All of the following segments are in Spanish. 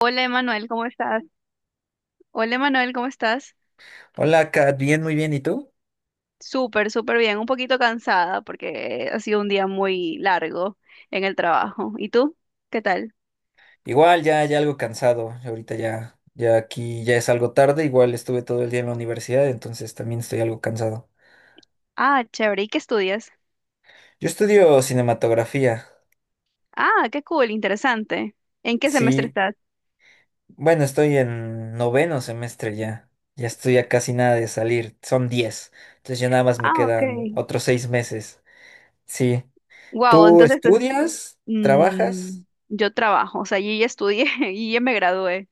Hola Emanuel, ¿cómo estás? Hola Emanuel, ¿cómo estás? Hola, Kat, bien, muy bien, ¿y tú? Súper, súper bien, un poquito cansada porque ha sido un día muy largo en el trabajo. ¿Y tú? ¿Qué tal? Igual, ya, ya algo cansado, ya ahorita ya, ya aquí ya es algo tarde, igual estuve todo el día en la universidad, entonces también estoy algo cansado. Ah, chévere, ¿y qué estudias? Yo estudio cinematografía, Ah, qué cool, interesante. ¿En qué semestre sí, estás? bueno, estoy en noveno semestre ya, ya estoy a casi nada de salir, son 10, entonces ya nada más me Ah, ok. quedan otros 6 meses, sí. Wow, ¿Tú entonces estudias? ¿Trabajas? mm, yo trabajo, o sea, yo ya estudié y ya me gradué.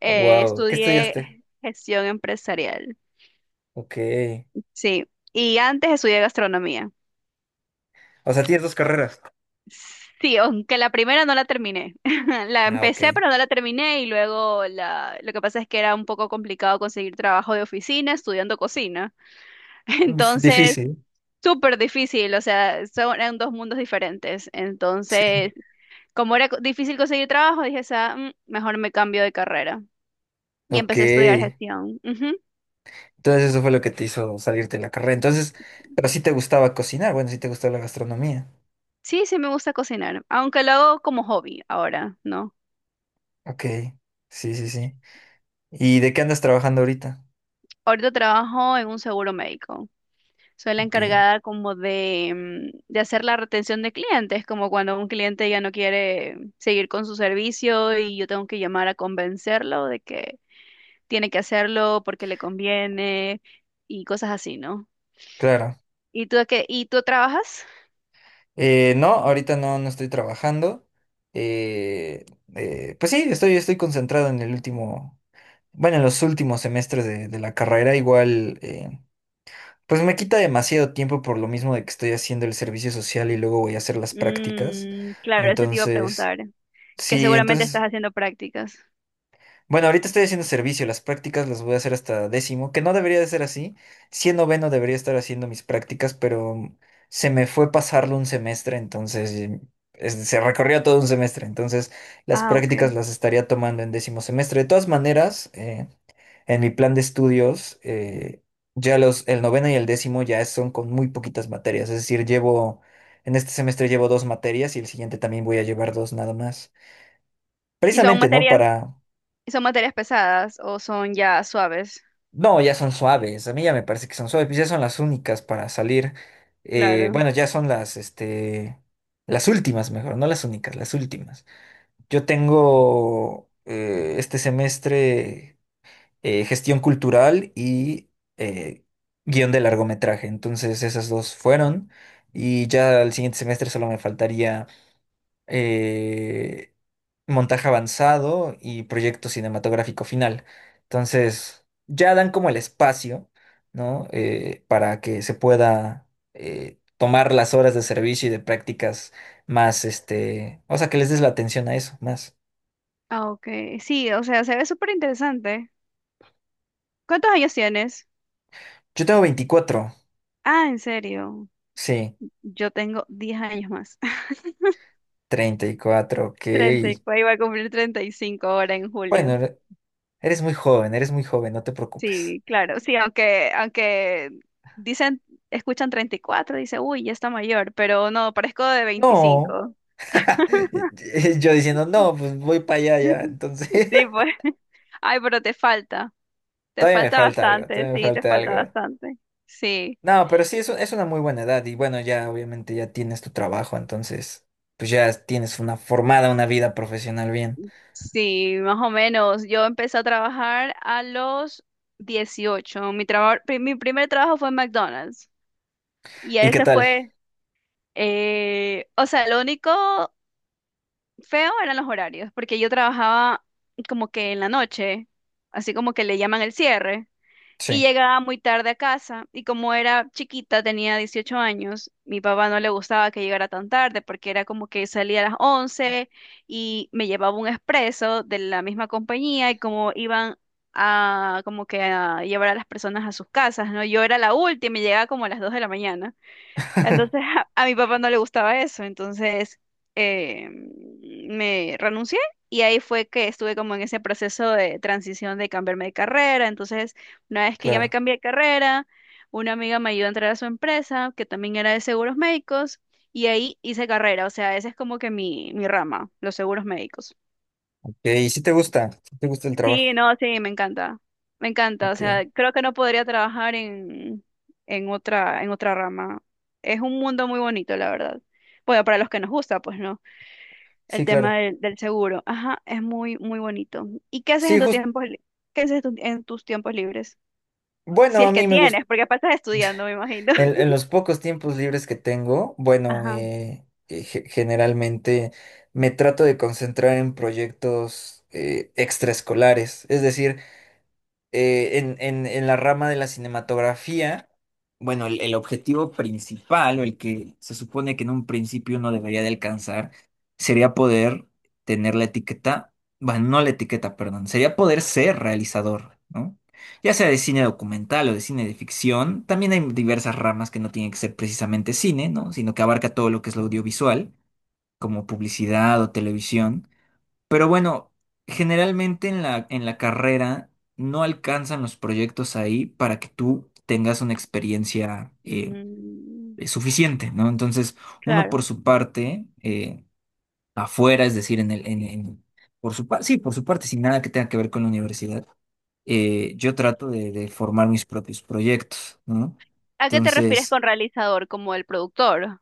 Wow, ¿qué Estudié estudiaste? gestión empresarial. Ok, Sí, y antes estudié gastronomía. o sea, tienes dos carreras. Sí, aunque la primera no la terminé. La Ah, ok. empecé, pero no la terminé y lo que pasa es que era un poco complicado conseguir trabajo de oficina estudiando cocina. Es Entonces, difícil. súper difícil, o sea, eran dos mundos diferentes. Entonces, como era difícil conseguir trabajo, dije, Mejor me cambio de carrera. Y Ok. empecé a estudiar gestión. Ujú. Entonces eso fue lo que te hizo salirte de la carrera. Entonces, pero sí te gustaba cocinar, bueno, sí te gustaba la gastronomía. Sí, sí me gusta cocinar, aunque lo hago como hobby ahora, ¿no? Ok. Sí, sí, sí. ¿Y de qué andas trabajando ahorita? Ahorita trabajo en un seguro médico. Soy la Ok. encargada como de hacer la retención de clientes, como cuando un cliente ya no quiere seguir con su servicio y yo tengo que llamar a convencerlo de que tiene que hacerlo porque le conviene y cosas así, ¿no? Claro. ¿Y tú, y tú trabajas? No, ahorita no, no estoy trabajando. Eh, pues sí, estoy, estoy concentrado en el último, bueno, en los últimos semestres de la carrera. Igual, pues me quita demasiado tiempo por lo mismo de que estoy haciendo el servicio social y luego voy a hacer las prácticas. Mm, claro, eso te iba a Entonces, preguntar, que sí, seguramente estás entonces. haciendo prácticas. Bueno, ahorita estoy haciendo servicio, las prácticas las voy a hacer hasta décimo, que no debería de ser así. Sí, en noveno debería estar haciendo mis prácticas, pero se me fue pasarlo un semestre, entonces se recorrió todo un semestre, entonces las Ah, ok. prácticas las estaría tomando en décimo semestre. De todas maneras, en mi plan de estudios, ya el noveno y el décimo ya son con muy poquitas materias, es decir, llevo, en este semestre llevo dos materias y el siguiente también voy a llevar dos nada más. ¿Y son Precisamente, ¿no? materias, Para. ¿Y son materias pesadas o son ya suaves? No, ya son suaves. A mí ya me parece que son suaves. Pues ya son las únicas para salir. Claro. Bueno, ya son las, este, las últimas mejor, no las únicas, las últimas. Yo tengo este semestre gestión cultural y eh, guión de largometraje. Entonces esas dos fueron. Y ya el siguiente semestre solo me faltaría eh, montaje avanzado y proyecto cinematográfico final. Entonces, ya dan como el espacio, ¿no? Para que se pueda tomar las horas de servicio y de prácticas más, este, o sea, que les des la atención a eso, más. Ah, ok. Sí, o sea, se ve súper interesante. ¿Cuántos años tienes? Yo tengo 24. Ah, en serio. Sí, Yo tengo 10 años más. 34, ok. 34 iba a cumplir 35 ahora en Bueno, julio. Eres muy joven, no te preocupes. Sí, claro. Sí, aunque dicen, escuchan 34, dice, uy, ya está mayor, pero no, parezco de No, 25. yo diciendo, no, pues voy para allá ya, entonces. Sí, pues. Ay, pero te falta. Te Todavía me falta falta algo, bastante, todavía me sí, te falta falta algo. bastante. Sí, No, pero sí, es una muy buena edad y bueno, ya obviamente ya tienes tu trabajo, entonces pues ya tienes una formada, una vida profesional bien. sí, más o menos. Yo empecé a trabajar a los 18. Mi primer trabajo fue en McDonald's. Y ¿Y qué ese tal? fue. O sea, lo único feo eran los horarios, porque yo trabajaba como que en la noche, así como que le llaman el cierre, y Sí, llegaba muy tarde a casa, y como era chiquita, tenía 18 años, mi papá no le gustaba que llegara tan tarde, porque era como que salía a las 11 y me llevaba un expreso de la misma compañía, y como iban a como que a llevar a las personas a sus casas, ¿no? Yo era la última y llegaba como a las 2 de la mañana. Entonces a mi papá no le gustaba eso, entonces eh, me renuncié y ahí fue que estuve como en ese proceso de transición de cambiarme de carrera. Entonces, una vez que ya me claro. cambié de carrera, una amiga me ayudó a entrar a su empresa, que también era de seguros médicos, y ahí hice carrera, o sea, esa es como que mi rama, los seguros médicos. Ok, y si te gusta, si te gusta el trabajo. Sí, no, sí, me encanta. Me encanta. O Ok, sea, creo que no podría trabajar en en otra rama. Es un mundo muy bonito, la verdad. Bueno, para los que nos gusta, pues no. Sí, claro. Del seguro. Ajá, es muy, muy bonito. ¿Y qué haces en Sí, tu justo, qué haces en tus tiempos libres? Si bueno, a es que mí me gusta, tienes, porque aparte estás estudiando, me imagino. en los pocos tiempos libres que tengo, bueno, Ajá. Generalmente me trato de concentrar en proyectos extraescolares, es decir, en la rama de la cinematografía, bueno, el objetivo principal o el que se supone que en un principio uno debería de alcanzar sería poder tener la etiqueta, bueno, no la etiqueta, perdón, sería poder ser realizador, ¿no? Ya sea de cine documental o de cine de ficción, también hay diversas ramas que no tienen que ser precisamente cine, ¿no? Sino que abarca todo lo que es lo audiovisual, como publicidad o televisión. Pero bueno, generalmente en la carrera no alcanzan los proyectos ahí para que tú tengas una experiencia Mm, suficiente, ¿no? Entonces, uno por claro. su parte, afuera, es decir, en el, en- por su parte, sí, por su parte, sin nada que tenga que ver con la universidad, yo trato de formar mis propios proyectos, ¿no? ¿A qué te refieres Entonces, con realizador? ¿Como el productor?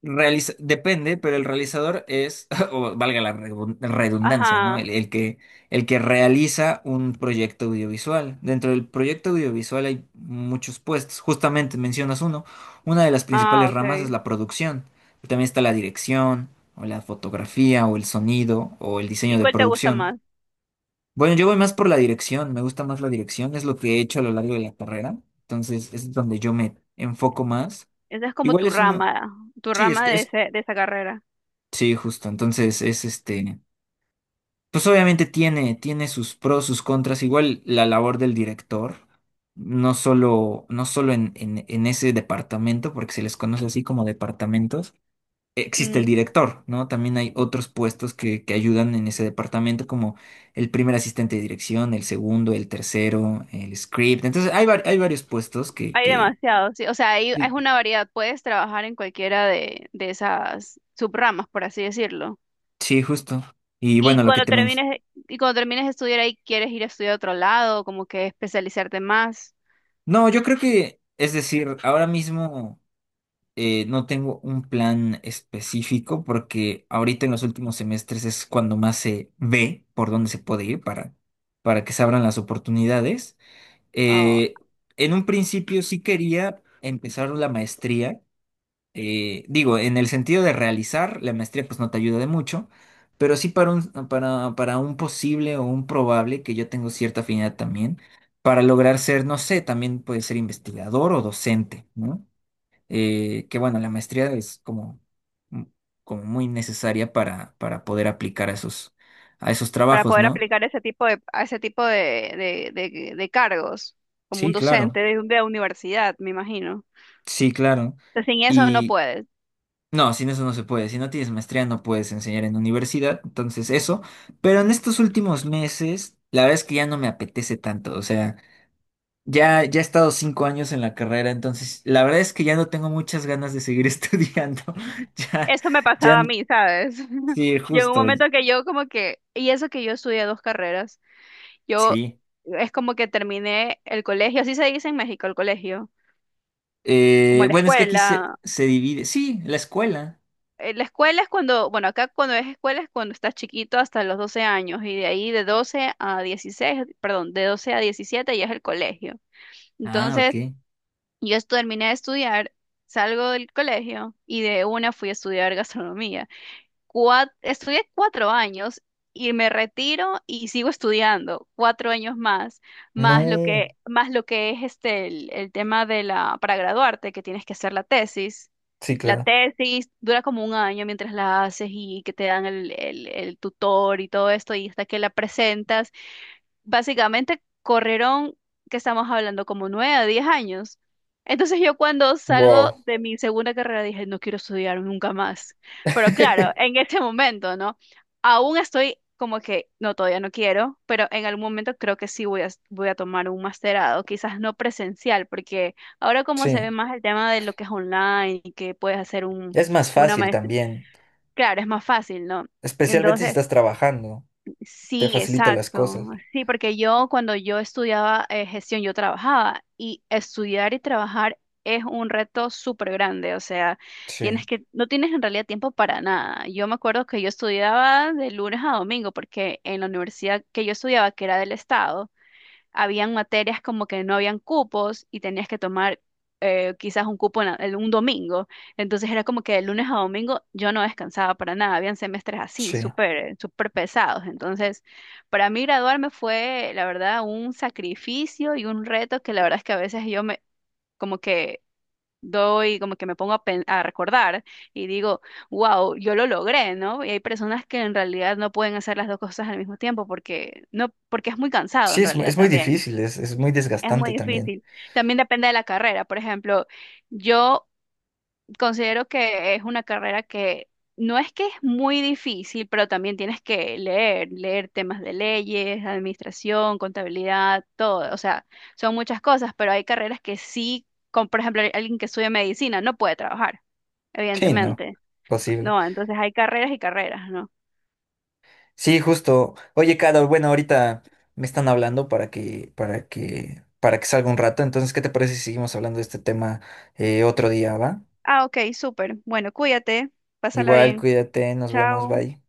Depende, pero el realizador es, o valga la redundancia, ¿no? Ajá. El que realiza un proyecto audiovisual. Dentro del proyecto audiovisual hay muchos puestos. Justamente mencionas uno. Una de las Ah, principales ok. ramas es la producción. También está la dirección, o la fotografía, o el sonido, o el diseño ¿Y de cuál te gusta producción. más? Bueno, yo voy más por la dirección. Me gusta más la dirección. Es lo que he hecho a lo largo de la carrera. Entonces, es donde yo me enfoco más. Esa es como Igual tu es uno. rama, Sí, es, es de esa carrera. Sí, justo. Entonces es este, pues obviamente tiene sus pros, sus contras. Igual la labor del director, no solo, no solo en ese departamento, porque se les conoce así como departamentos, existe el Mm, director, ¿no? También hay otros puestos que ayudan en ese departamento, como el primer asistente de dirección, el segundo, el tercero, el script. Entonces hay varios puestos que, hay que, demasiados, sí. O sea, hay, es Sí, una variedad. Puedes trabajar en cualquiera de esas subramas, por así decirlo. sí, justo. Y Y bueno, lo que cuando te mencioné. termines, y cuando termines de estudiar ahí, ¿quieres ir a estudiar a otro lado? Como que especializarte más, No, yo creo que, es decir, ahora mismo. No tengo un plan específico porque ahorita en los últimos semestres es cuando más se ve por dónde se puede ir para que se abran las oportunidades. ah, Eh, en un principio sí quería empezar la maestría. Digo, en el sentido de realizar, la maestría pues no te ayuda de mucho, pero sí para un posible o un probable, que yo tengo cierta afinidad también, para lograr ser, no sé, también puede ser investigador o docente, ¿no? Que bueno, la maestría es como, mm, como muy necesaria para poder aplicar a esos para trabajos, poder ¿no? aplicar a ese tipo de cargos, como un Sí, docente claro, de universidad, me imagino. sí, claro. Entonces, sin eso no Y puedes. no, sin eso no se puede. Si no tienes maestría no puedes enseñar en universidad, entonces eso. Pero en estos últimos meses, la verdad es que ya no me apetece tanto. O sea, ya, ya he estado 5 años en la carrera, entonces la verdad es que ya no tengo muchas ganas de seguir estudiando. Ya, Eso me pasaba ya, a mí, ¿sabes? sí, Llegó un justo, momento que yo como que, y eso que yo estudié dos carreras, yo sí. es como que terminé el colegio, así se dice en México, el colegio, como la Bueno, es que aquí se, escuela. se divide. Sí, la escuela. La escuela es cuando, bueno, acá cuando es escuela es cuando estás chiquito hasta los 12 años y de ahí de 12 a 16, perdón, de 12 a 17 ya es el colegio. Ah, Entonces, ok. Terminé de estudiar, salgo del colegio y de una fui a estudiar gastronomía. Estudié cuatro años y me retiro y sigo estudiando cuatro años más, No, más lo que es este el tema de la, para graduarte, que tienes que hacer la tesis. sí, La claro. tesis dura como un año mientras la haces y que te dan el tutor y todo esto, y hasta que la presentas básicamente corrieron, que estamos hablando, como nueve a diez años. Entonces yo cuando salgo Wow. de mi segunda carrera dije, no quiero estudiar nunca más. Pero claro, en este momento, ¿no? Aún estoy como que, no, todavía no quiero, pero en algún momento creo que sí voy a tomar un masterado, quizás no presencial, porque ahora como se Sí, ve más el tema de lo que es online y que puedes hacer es más una fácil maestría, también, claro, es más fácil, ¿no? especialmente si Entonces, estás trabajando, te sí, facilita las exacto. cosas. Sí, porque yo cuando yo estudiaba gestión, yo trabajaba y estudiar y trabajar es un reto súper grande. O sea, tienes Sí, que, no tienes en realidad tiempo para nada. Yo me acuerdo que yo estudiaba de lunes a domingo porque en la universidad que yo estudiaba, que era del estado, habían materias como que no habían cupos y tenías que tomar quizás un cupo en un domingo. Entonces era como que de lunes a domingo yo no descansaba para nada. Habían semestres así, sí. súper, súper pesados. Entonces, para mí graduarme fue, la verdad, un sacrificio y un reto que la verdad es que a veces yo me, como que doy, como que me pongo a recordar y digo, wow, yo lo logré, ¿no? Y hay personas que en realidad no pueden hacer las dos cosas al mismo tiempo porque no, porque es muy cansado Sí, en es, mu- realidad es muy también. difícil, es muy Es desgastante muy también. difícil. También depende de la carrera. Por ejemplo, yo considero que es una carrera que no es que es muy difícil, pero también tienes que leer, leer temas de leyes, administración, contabilidad, todo. O sea, son muchas cosas, pero hay carreras que sí, como por ejemplo alguien que estudia medicina no puede trabajar, Sí, no, evidentemente. posible. No, entonces hay carreras y carreras, ¿no? Sí, justo. Oye, Caro, bueno, ahorita me están hablando para que salga un rato. Entonces, ¿qué te parece si seguimos hablando de este tema otro día, va? Ah, ok, súper. Bueno, cuídate, pásala Igual, bien. cuídate, nos vemos, Chao. bye.